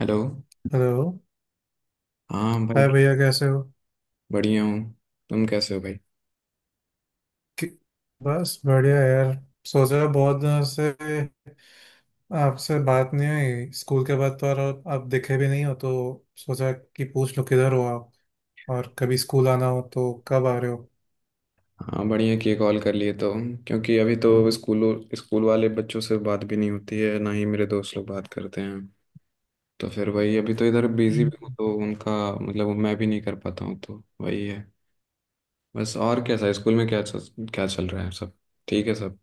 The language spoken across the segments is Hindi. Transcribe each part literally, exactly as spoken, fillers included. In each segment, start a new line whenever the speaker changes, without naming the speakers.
हेलो।
हेलो।
हाँ भाई,
हाय भैया, कैसे हो?
बढ़िया हूँ। तुम कैसे हो भाई?
कि- बस बढ़िया यार। सोच रहा बहुत दिनों से आपसे बात नहीं हुई स्कूल के बाद, तो और आप आप दिखे भी नहीं हो, तो सोचा कि पूछ लो किधर हो आप, और कभी स्कूल आना हो तो कब आ रहे हो।
हाँ, बढ़िया कि कॉल कर लिए तो। क्योंकि अभी तो स्कूलों स्कूल वाले बच्चों से बात भी नहीं होती है, ना ही मेरे दोस्त लोग बात करते हैं। तो फिर वही, अभी तो इधर बिजी
हम्म।
भी हूँ तो उनका मतलब मैं भी नहीं कर पाता हूँ, तो वही है। बस, और कैसा है? स्कूल में क्या चल, क्या चल रहा है सब? ठीक है सब?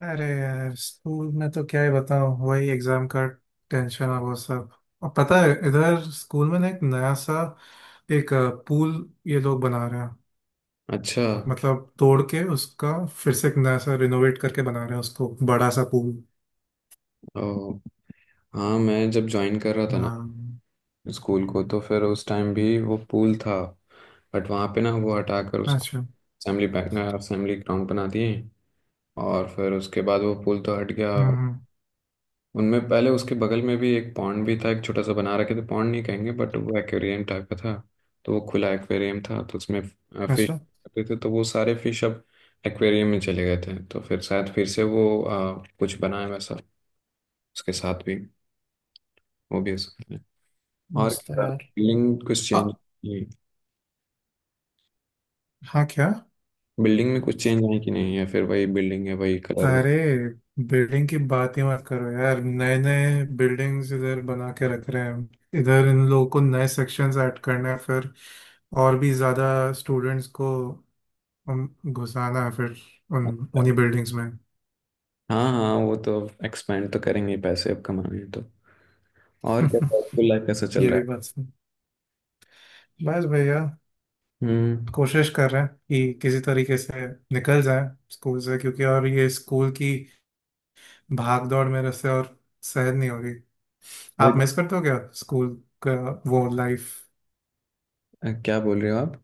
अरे यार, स्कूल में तो क्या ही बताऊं, वही एग्जाम का टेंशन है वो सब। और पता है इधर स्कूल में ना, एक नया सा, एक पूल ये लोग बना रहे हैं।
अच्छा।
मतलब तोड़ के उसका फिर से एक नया सा रिनोवेट करके बना रहे हैं उसको, बड़ा सा पूल।
ओ, हाँ मैं जब ज्वाइन कर रहा था ना
हाँ।
स्कूल को, तो फिर उस टाइम भी वो पूल था। बट वहाँ पे ना वो हटाकर उसको
अच्छा।
असेंबली असेंबली ग्राउंड बना दिए, और फिर उसके बाद वो पुल तो हट गया।
हम्म हम्म।
उनमें पहले उसके बगल में भी एक पॉन्ड भी था, एक छोटा सा बना रखे थे, पॉन्ड नहीं कहेंगे बट वो एक्वेरियम टाइप का था। तो वो खुला एक्वेरियम था, तो उसमें फिश
अच्छा,
रहते थे, तो वो सारे फिश अब एक्वेरियम में चले गए थे। तो फिर शायद फिर से वो अ, कुछ बनाए वैसा, उसके साथ भी वो भी हो सकता है। और
मस्त है यार।
बिल्डिंग कुछ
आ,
चेंज की?
हाँ क्या?
बिल्डिंग में कुछ चेंज आए कि नहीं, या फिर वही बिल्डिंग है, वही कलर?
अरे, बिल्डिंग की बात ही मत करो यार। नए नए बिल्डिंग्स इधर बना के रख रहे हैं इधर। इन लोगों को नए सेक्शंस ऐड करना है फिर, और भी ज़्यादा स्टूडेंट्स को उम, घुसाना है फिर उन उन्हीं बिल्डिंग्स में।
हाँ हाँ, वो तो एक्सपेंड तो करेंगे ही, पैसे अब कमाने हैं तो। और क्या, स्कूल लाइफ कैसा चल
ये
रहा
भी बात सही। बस भैया,
है? हम्म।
कोशिश कर रहे हैं कि किसी तरीके से निकल जाए स्कूल से, क्योंकि और ये स्कूल की भाग दौड़ मेरे से और सहन नहीं होगी।
अभी
आप मिस करते हो क्या स्कूल का वो लाइफ?
अ, क्या बोल रहे हो आप?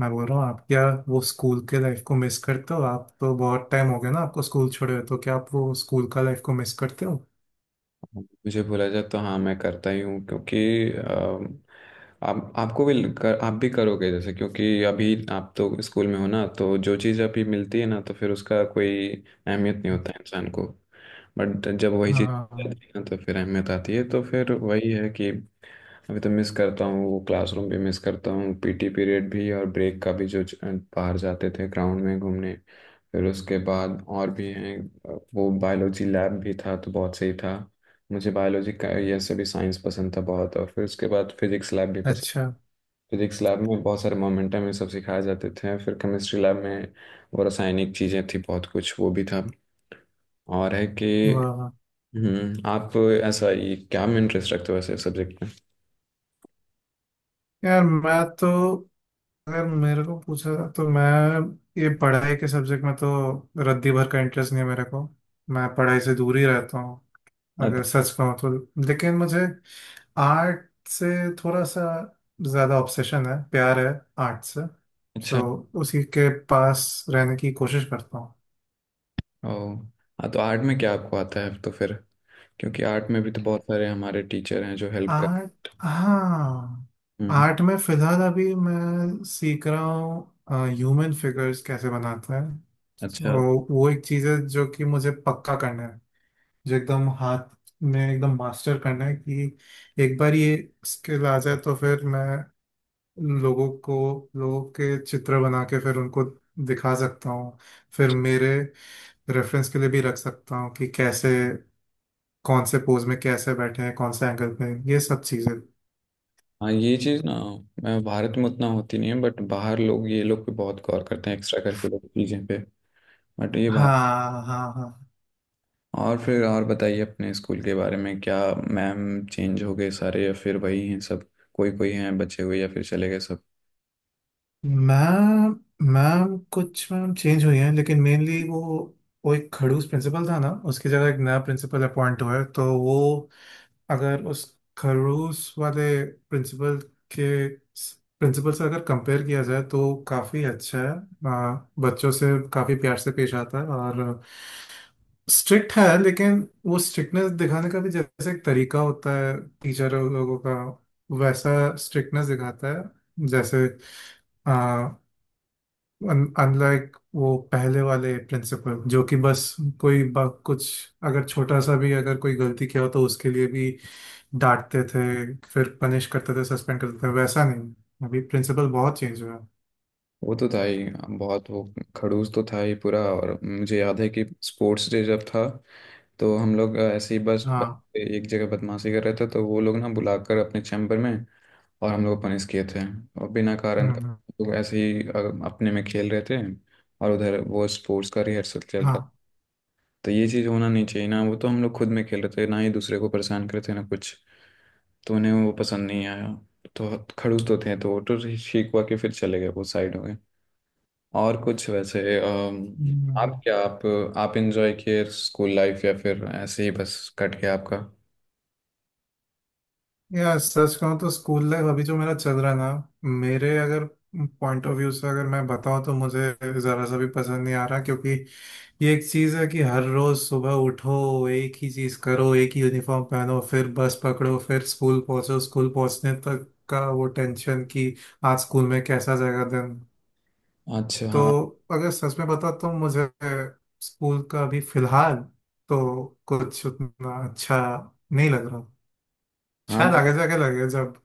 मैं बोल रहा हूँ आप क्या वो स्कूल के लाइफ को मिस करते हो? आप तो बहुत टाइम हो गया ना आपको स्कूल छोड़े हुए, तो क्या आप वो स्कूल का लाइफ को मिस करते हो?
मुझे बोला जाए तो हाँ, मैं करता ही हूँ, क्योंकि अम, आप आपको भी कर, आप भी करोगे जैसे, क्योंकि अभी आप तो स्कूल में हो ना, तो जो चीज़ अभी मिलती है ना, तो फिर उसका कोई अहमियत नहीं होता है इंसान को। बट जब वही चीज़
हाँ।
जाती है ना, तो फिर अहमियत आती है। तो फिर वही है कि अभी तो मिस करता हूँ, वो क्लासरूम भी मिस करता हूँ, पीटी पीरियड भी, और ब्रेक का भी जो च- बाहर जाते थे ग्राउंड में घूमने। फिर उसके बाद और भी हैं, वो बायोलॉजी लैब भी था, तो बहुत सही था। मुझे बायोलॉजी का ये सभी साइंस पसंद था बहुत, और फिर उसके बाद फिजिक्स लैब भी पसंद।
अच्छा।
फिजिक्स लैब में बहुत सारे मोमेंटम, ये सब सिखाए जाते थे। फिर केमिस्ट्री लैब में वो रासायनिक चीज़ें थी, बहुत कुछ वो भी था। और है कि
वाह।
हम्म, आप ऐसा, ये क्या में इंटरेस्ट रखते हो ऐसे सब्जेक्ट में?
यार मैं तो, अगर मेरे को पूछा जाए, तो मैं ये पढ़ाई के सब्जेक्ट में तो रद्दी भर का इंटरेस्ट नहीं है मेरे को। मैं पढ़ाई से दूर ही रहता हूँ, अगर
अत-
सच कहूँ तो। लेकिन मुझे आर्ट से थोड़ा सा ज़्यादा ऑब्सेशन है, प्यार है आर्ट से।
अच्छा।
सो उसी के पास रहने की कोशिश करता हूँ।
ओ हाँ, तो आर्ट में क्या आपको आता है, तो फिर? क्योंकि आर्ट में भी तो बहुत सारे हमारे टीचर हैं जो हेल्प कर...
आर्ट, हाँ।
हम्म।
आर्ट में फिलहाल अभी मैं सीख रहा हूँ ह्यूमन फिगर्स कैसे बनाते हैं।
अच्छा,
तो वो एक चीज़ है जो कि मुझे पक्का करना है, जो एकदम हाथ में एकदम मास्टर करना है कि एक बार ये स्किल आ जाए तो फिर मैं लोगों को, लोगों के चित्र बना के फिर उनको दिखा सकता हूँ, फिर मेरे रेफरेंस के लिए भी रख सकता हूँ कि कैसे कौन से पोज में कैसे बैठे हैं, कौन से एंगल पे, ये सब चीजें।
हाँ, ये चीज़ ना, मैं भारत में उतना होती नहीं है, बट बाहर लोग, ये लोग पे बहुत गौर करते हैं, एक्स्ट्रा करिकुलर चीज़ें पे। बट ये बात।
हाँ हाँ हाँ।
और फिर और बताइए अपने स्कूल के बारे में। क्या मैम चेंज हो गए सारे, या फिर वही हैं सब? कोई कोई हैं बचे हुए, या फिर चले गए सब?
मैम, मैम कुछ मैम चेंज हुई हैं, लेकिन मेनली वो वो एक खड़ूस प्रिंसिपल था ना, उसकी जगह एक नया प्रिंसिपल अपॉइंट हुआ है। तो वो अगर उस खरूस वाले प्रिंसिपल के प्रिंसिपल से अगर कंपेयर किया जाए तो काफ़ी अच्छा है। अ, बच्चों से काफ़ी प्यार से पेश आता है, और स्ट्रिक्ट है, लेकिन वो स्ट्रिक्टनेस दिखाने का भी जैसे एक तरीका होता है टीचर लोगों का, वैसा स्ट्रिक्टनेस दिखाता है जैसे। अनलाइक वो पहले वाले प्रिंसिपल जो कि बस, कोई ब- कुछ अगर छोटा सा भी अगर कोई गलती किया हो तो उसके लिए भी डांटते थे, फिर पनिश करते थे, सस्पेंड करते थे, वैसा नहीं। अभी प्रिंसिपल बहुत चेंज हुआ है।
वो तो था ही बहुत वो, खड़ूस तो था ही पूरा। और मुझे याद है कि स्पोर्ट्स डे जब था, तो हम लोग ऐसे ही बस बैठ
हाँ।
के एक जगह बदमाशी कर रहे थे, तो वो लोग ना बुलाकर अपने चैम्बर में, और हम लोग पनिश किए थे। और बिना कारण का,
हम्म।
लोग ऐसे ही अ- अपने में खेल रहे थे, और उधर वो स्पोर्ट्स का रिहर्सल चल रहा
हाँ।
था। तो ये चीज़ होना नहीं चाहिए ना, वो तो हम लोग खुद में खेल रहे थे, ना ही दूसरे को परेशान कर रहे थे, ना कुछ। तो उन्हें वो पसंद नहीं आया। तो खड़ूस तो थे, तो वो तो ठीक हुआ कि फिर चले गए, वो साइड हो गए। और कुछ वैसे अम,
हम्म।
आप क्या आप आप एंजॉय किए स्कूल लाइफ, या फिर ऐसे ही बस कट गया आपका?
यार सच कहूँ तो स्कूल लाइफ अभी जो मेरा चल रहा है ना, मेरे अगर पॉइंट ऑफ व्यू से अगर मैं बताऊँ तो मुझे ज़रा सा भी पसंद नहीं आ रहा, क्योंकि ये एक चीज़ है कि हर रोज़ सुबह उठो, एक ही चीज़ करो, एक ही यूनिफॉर्म पहनो, फिर बस पकड़ो, फिर स्कूल पहुँचो, स्कूल पहुँचने तक का वो टेंशन कि आज स्कूल में कैसा जाएगा दिन।
अच्छा। हाँ,
तो अगर सच में बताओ तो मुझे स्कूल का अभी फिलहाल तो कुछ उतना अच्छा नहीं लग रहा।
हाँ,
शायद आगे जाके लगे, जब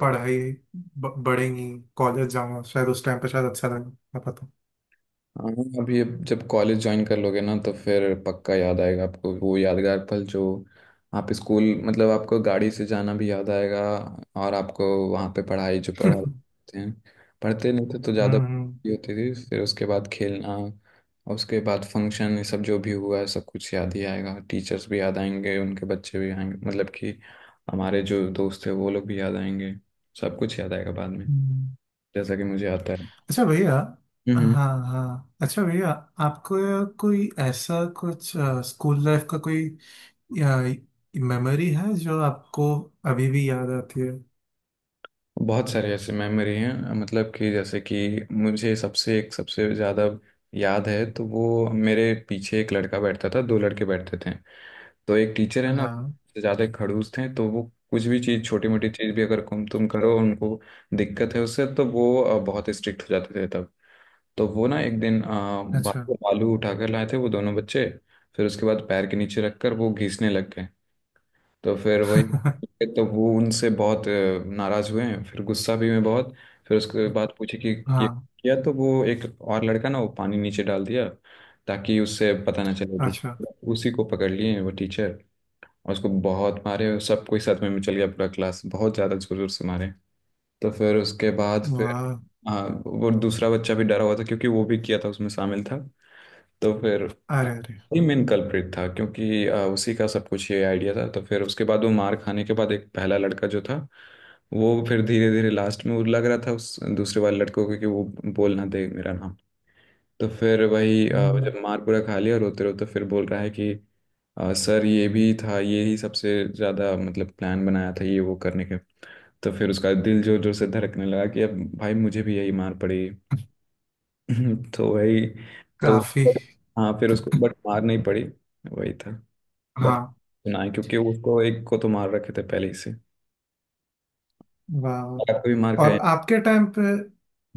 पढ़ाई ब- बढ़ेंगी, कॉलेज जाना, शायद उस टाइम पे शायद अच्छा लगे, क्या पता।
हाँ, अभी अब जब कॉलेज ज्वाइन कर लोगे ना, तो फिर पक्का याद आएगा आपको वो यादगार पल जो, आप स्कूल मतलब आपको गाड़ी से जाना भी याद आएगा। और आपको वहाँ पे पढ़ाई, जो पढ़ा करते हैं, पढ़ते नहीं थे तो ज़्यादा
हम्म
होती थी। फिर उसके बाद खेलना, और उसके बाद फंक्शन, ये सब जो भी हुआ है, सब कुछ याद ही आएगा। टीचर्स भी याद आएंगे, उनके बच्चे भी आएंगे, मतलब कि हमारे जो दोस्त थे वो लोग भी याद आएंगे। सब कुछ याद आएगा बाद में,
हम्म।
जैसा कि मुझे आता
अच्छा भैया।
है।
हाँ हाँ, अच्छा भैया, आपको कोई ऐसा कुछ स्कूल लाइफ का कोई या, मेमोरी है जो आपको अभी भी याद आती है?
बहुत सारे ऐसे मेमोरी हैं, मतलब कि जैसे कि मुझे सबसे एक सबसे ज़्यादा याद है तो, वो मेरे पीछे एक लड़का बैठता था, दो लड़के बैठते थे। तो एक टीचर है ना, वो
हाँ।
सबसे ज़्यादा खड़ूस थे। तो वो कुछ भी चीज़, छोटी मोटी चीज़ भी अगर तुम तुम करो, उनको दिक्कत है उससे, तो वो अ, बहुत स्ट्रिक्ट हो जाते थे तब। तो वो ना एक दिन अ,
अच्छा।
बाहर से आलू उठाकर लाए थे वो दोनों बच्चे, फिर उसके बाद पैर के नीचे रखकर वो घिसने लग गए। तो फिर वही, तो वो उनसे बहुत अ, नाराज हुए हैं, फिर गुस्सा भी हुए बहुत। फिर उसके बाद पूछे कि ये
हाँ।
किया, तो वो एक और लड़का ना, वो पानी नीचे डाल दिया, ताकि उससे पता ना चले
अच्छा।
टीचर। उसी को पकड़ लिए हैं वो टीचर, और उसको बहुत मारे। सब कोई साथ में चल गया पूरा क्लास, बहुत ज़्यादा जोर जोर से मारे। तो फिर उसके बाद फिर,
वाह।
हाँ वो दूसरा बच्चा भी डरा हुआ था, क्योंकि वो भी किया था, उसमें शामिल था। तो फिर
अरे अरे।
ही मेन कल्प्रिट था, क्योंकि अ, उसी का सब कुछ ये आइडिया था। तो फिर उसके बाद वो मार खाने के बाद, एक पहला लड़का जो था, वो फिर धीरे धीरे लास्ट में, वो लग रहा था उस दूसरे वाले लड़कों को कि वो बोल ना दे मेरा नाम। तो फिर वही अ,
हम्म।
जब मार पूरा खा लिया, रोते रोते फिर बोल रहा है कि अ, सर ये भी था, ये ही सबसे ज़्यादा, मतलब प्लान बनाया था ये वो करने के। तो फिर उसका दिल जोर जोर से धड़कने लगा कि अब भाई मुझे भी यही मार पड़ी। हम्म, तो वही तो।
काफी।
हाँ, फिर उसको बट मार नहीं पड़ी, वही था बच
हाँ।
ना, क्योंकि उसको एक को तो मार रखे थे पहले ही से,
वाह।
अगर कोई मार
और
खाए।
आपके टाइम पे,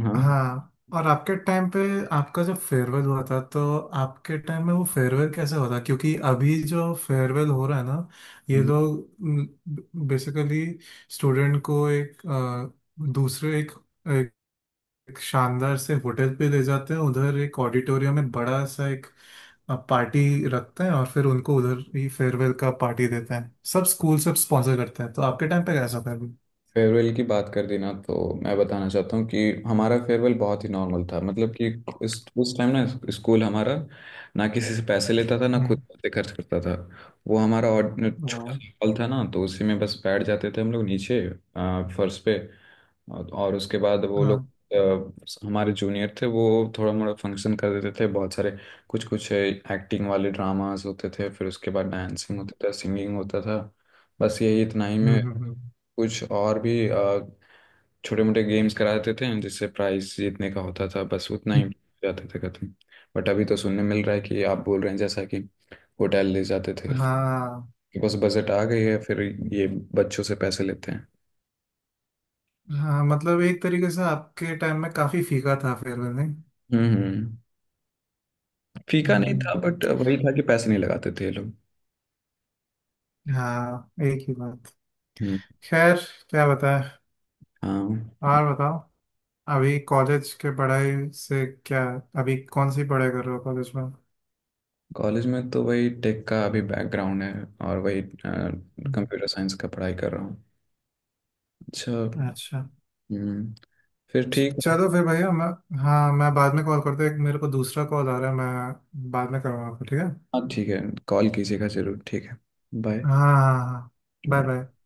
हाँ,
हाँ, और आपके टाइम पे आपका जो फेयरवेल हुआ था, तो आपके टाइम में वो फेयरवेल कैसे हुआ था? क्योंकि अभी जो फेयरवेल हो रहा है ना, ये लोग बेसिकली स्टूडेंट को एक, अ, दूसरे एक, एक शानदार से होटल पे ले जाते हैं, उधर एक ऑडिटोरियम में बड़ा सा एक पार्टी रखते हैं, और फिर उनको उधर ही फेयरवेल का पार्टी देते हैं, सब स्कूल सब स्पॉन्सर करते हैं। तो आपके टाइम पे कैसा था अभी?
फेयरवेल की बात कर दी ना, तो मैं बताना चाहता हूँ कि हमारा फेयरवेल बहुत ही नॉर्मल था। मतलब कि इस उस टाइम ना, स्कूल हमारा ना किसी से पैसे लेता था, ना खुद
हम्म।
पैसे खर्च करता था। वो हमारा, और छोटा
वाह।
सा हॉल था ना, तो उसी में बस बैठ जाते थे हम लोग नीचे अ, फर्श पे। और और उसके बाद वो लोग
हाँ।
अ, हमारे जूनियर थे, वो थोड़ा मोड़ा फंक्शन कर देते थे। बहुत सारे कुछ कुछ एक्टिंग वाले ड्रामास होते थे, फिर उसके बाद डांसिंग होता था, सिंगिंग होता था। बस यही, इतना ही में
हम्म हम्म।
कुछ और भी छोटे मोटे गेम्स करा देते थे, जिससे प्राइस जीतने का होता था। बस उतना ही,
हम्म।
जाते थे खत्म। बट अभी तो सुनने मिल रहा है कि आप बोल रहे हैं, जैसा कि होटल ले जाते थे,
हाँ
बस बजट आ गई है फिर, ये बच्चों से पैसे लेते हैं।
हाँ, मतलब एक तरीके से आपके टाइम में काफी फीका था फेयरवेल, नहीं?
हम्म, हम्म। फीका नहीं
हम्म,
था, बट वही था कि पैसे नहीं लगाते थे ये लोग।
हाँ, एक ही बात।
हम्म।
खैर, क्या बताएं।
हाँ,
और बताओ, अभी कॉलेज के पढ़ाई से क्या, अभी कौन सी पढ़ाई कर रहे हो कॉलेज में?
कॉलेज में तो वही टेक का अभी बैकग्राउंड है, और वही
हम्म।
कंप्यूटर साइंस का पढ़ाई कर रहा हूँ। अच्छा।
अच्छा।
हम्म, फिर
च-
ठीक है।
चलो फिर भैया, मैं, हाँ, मैं बाद में कॉल करता हूँ। एक मेरे को दूसरा कॉल आ रहा है, मैं बाद में करूँगा आपको, ठीक है?
हाँ, ठीक है, कॉल कीजिएगा जरूर, ठीक है।
हाँ
बाय।
हाँ हाँ। Bye bye.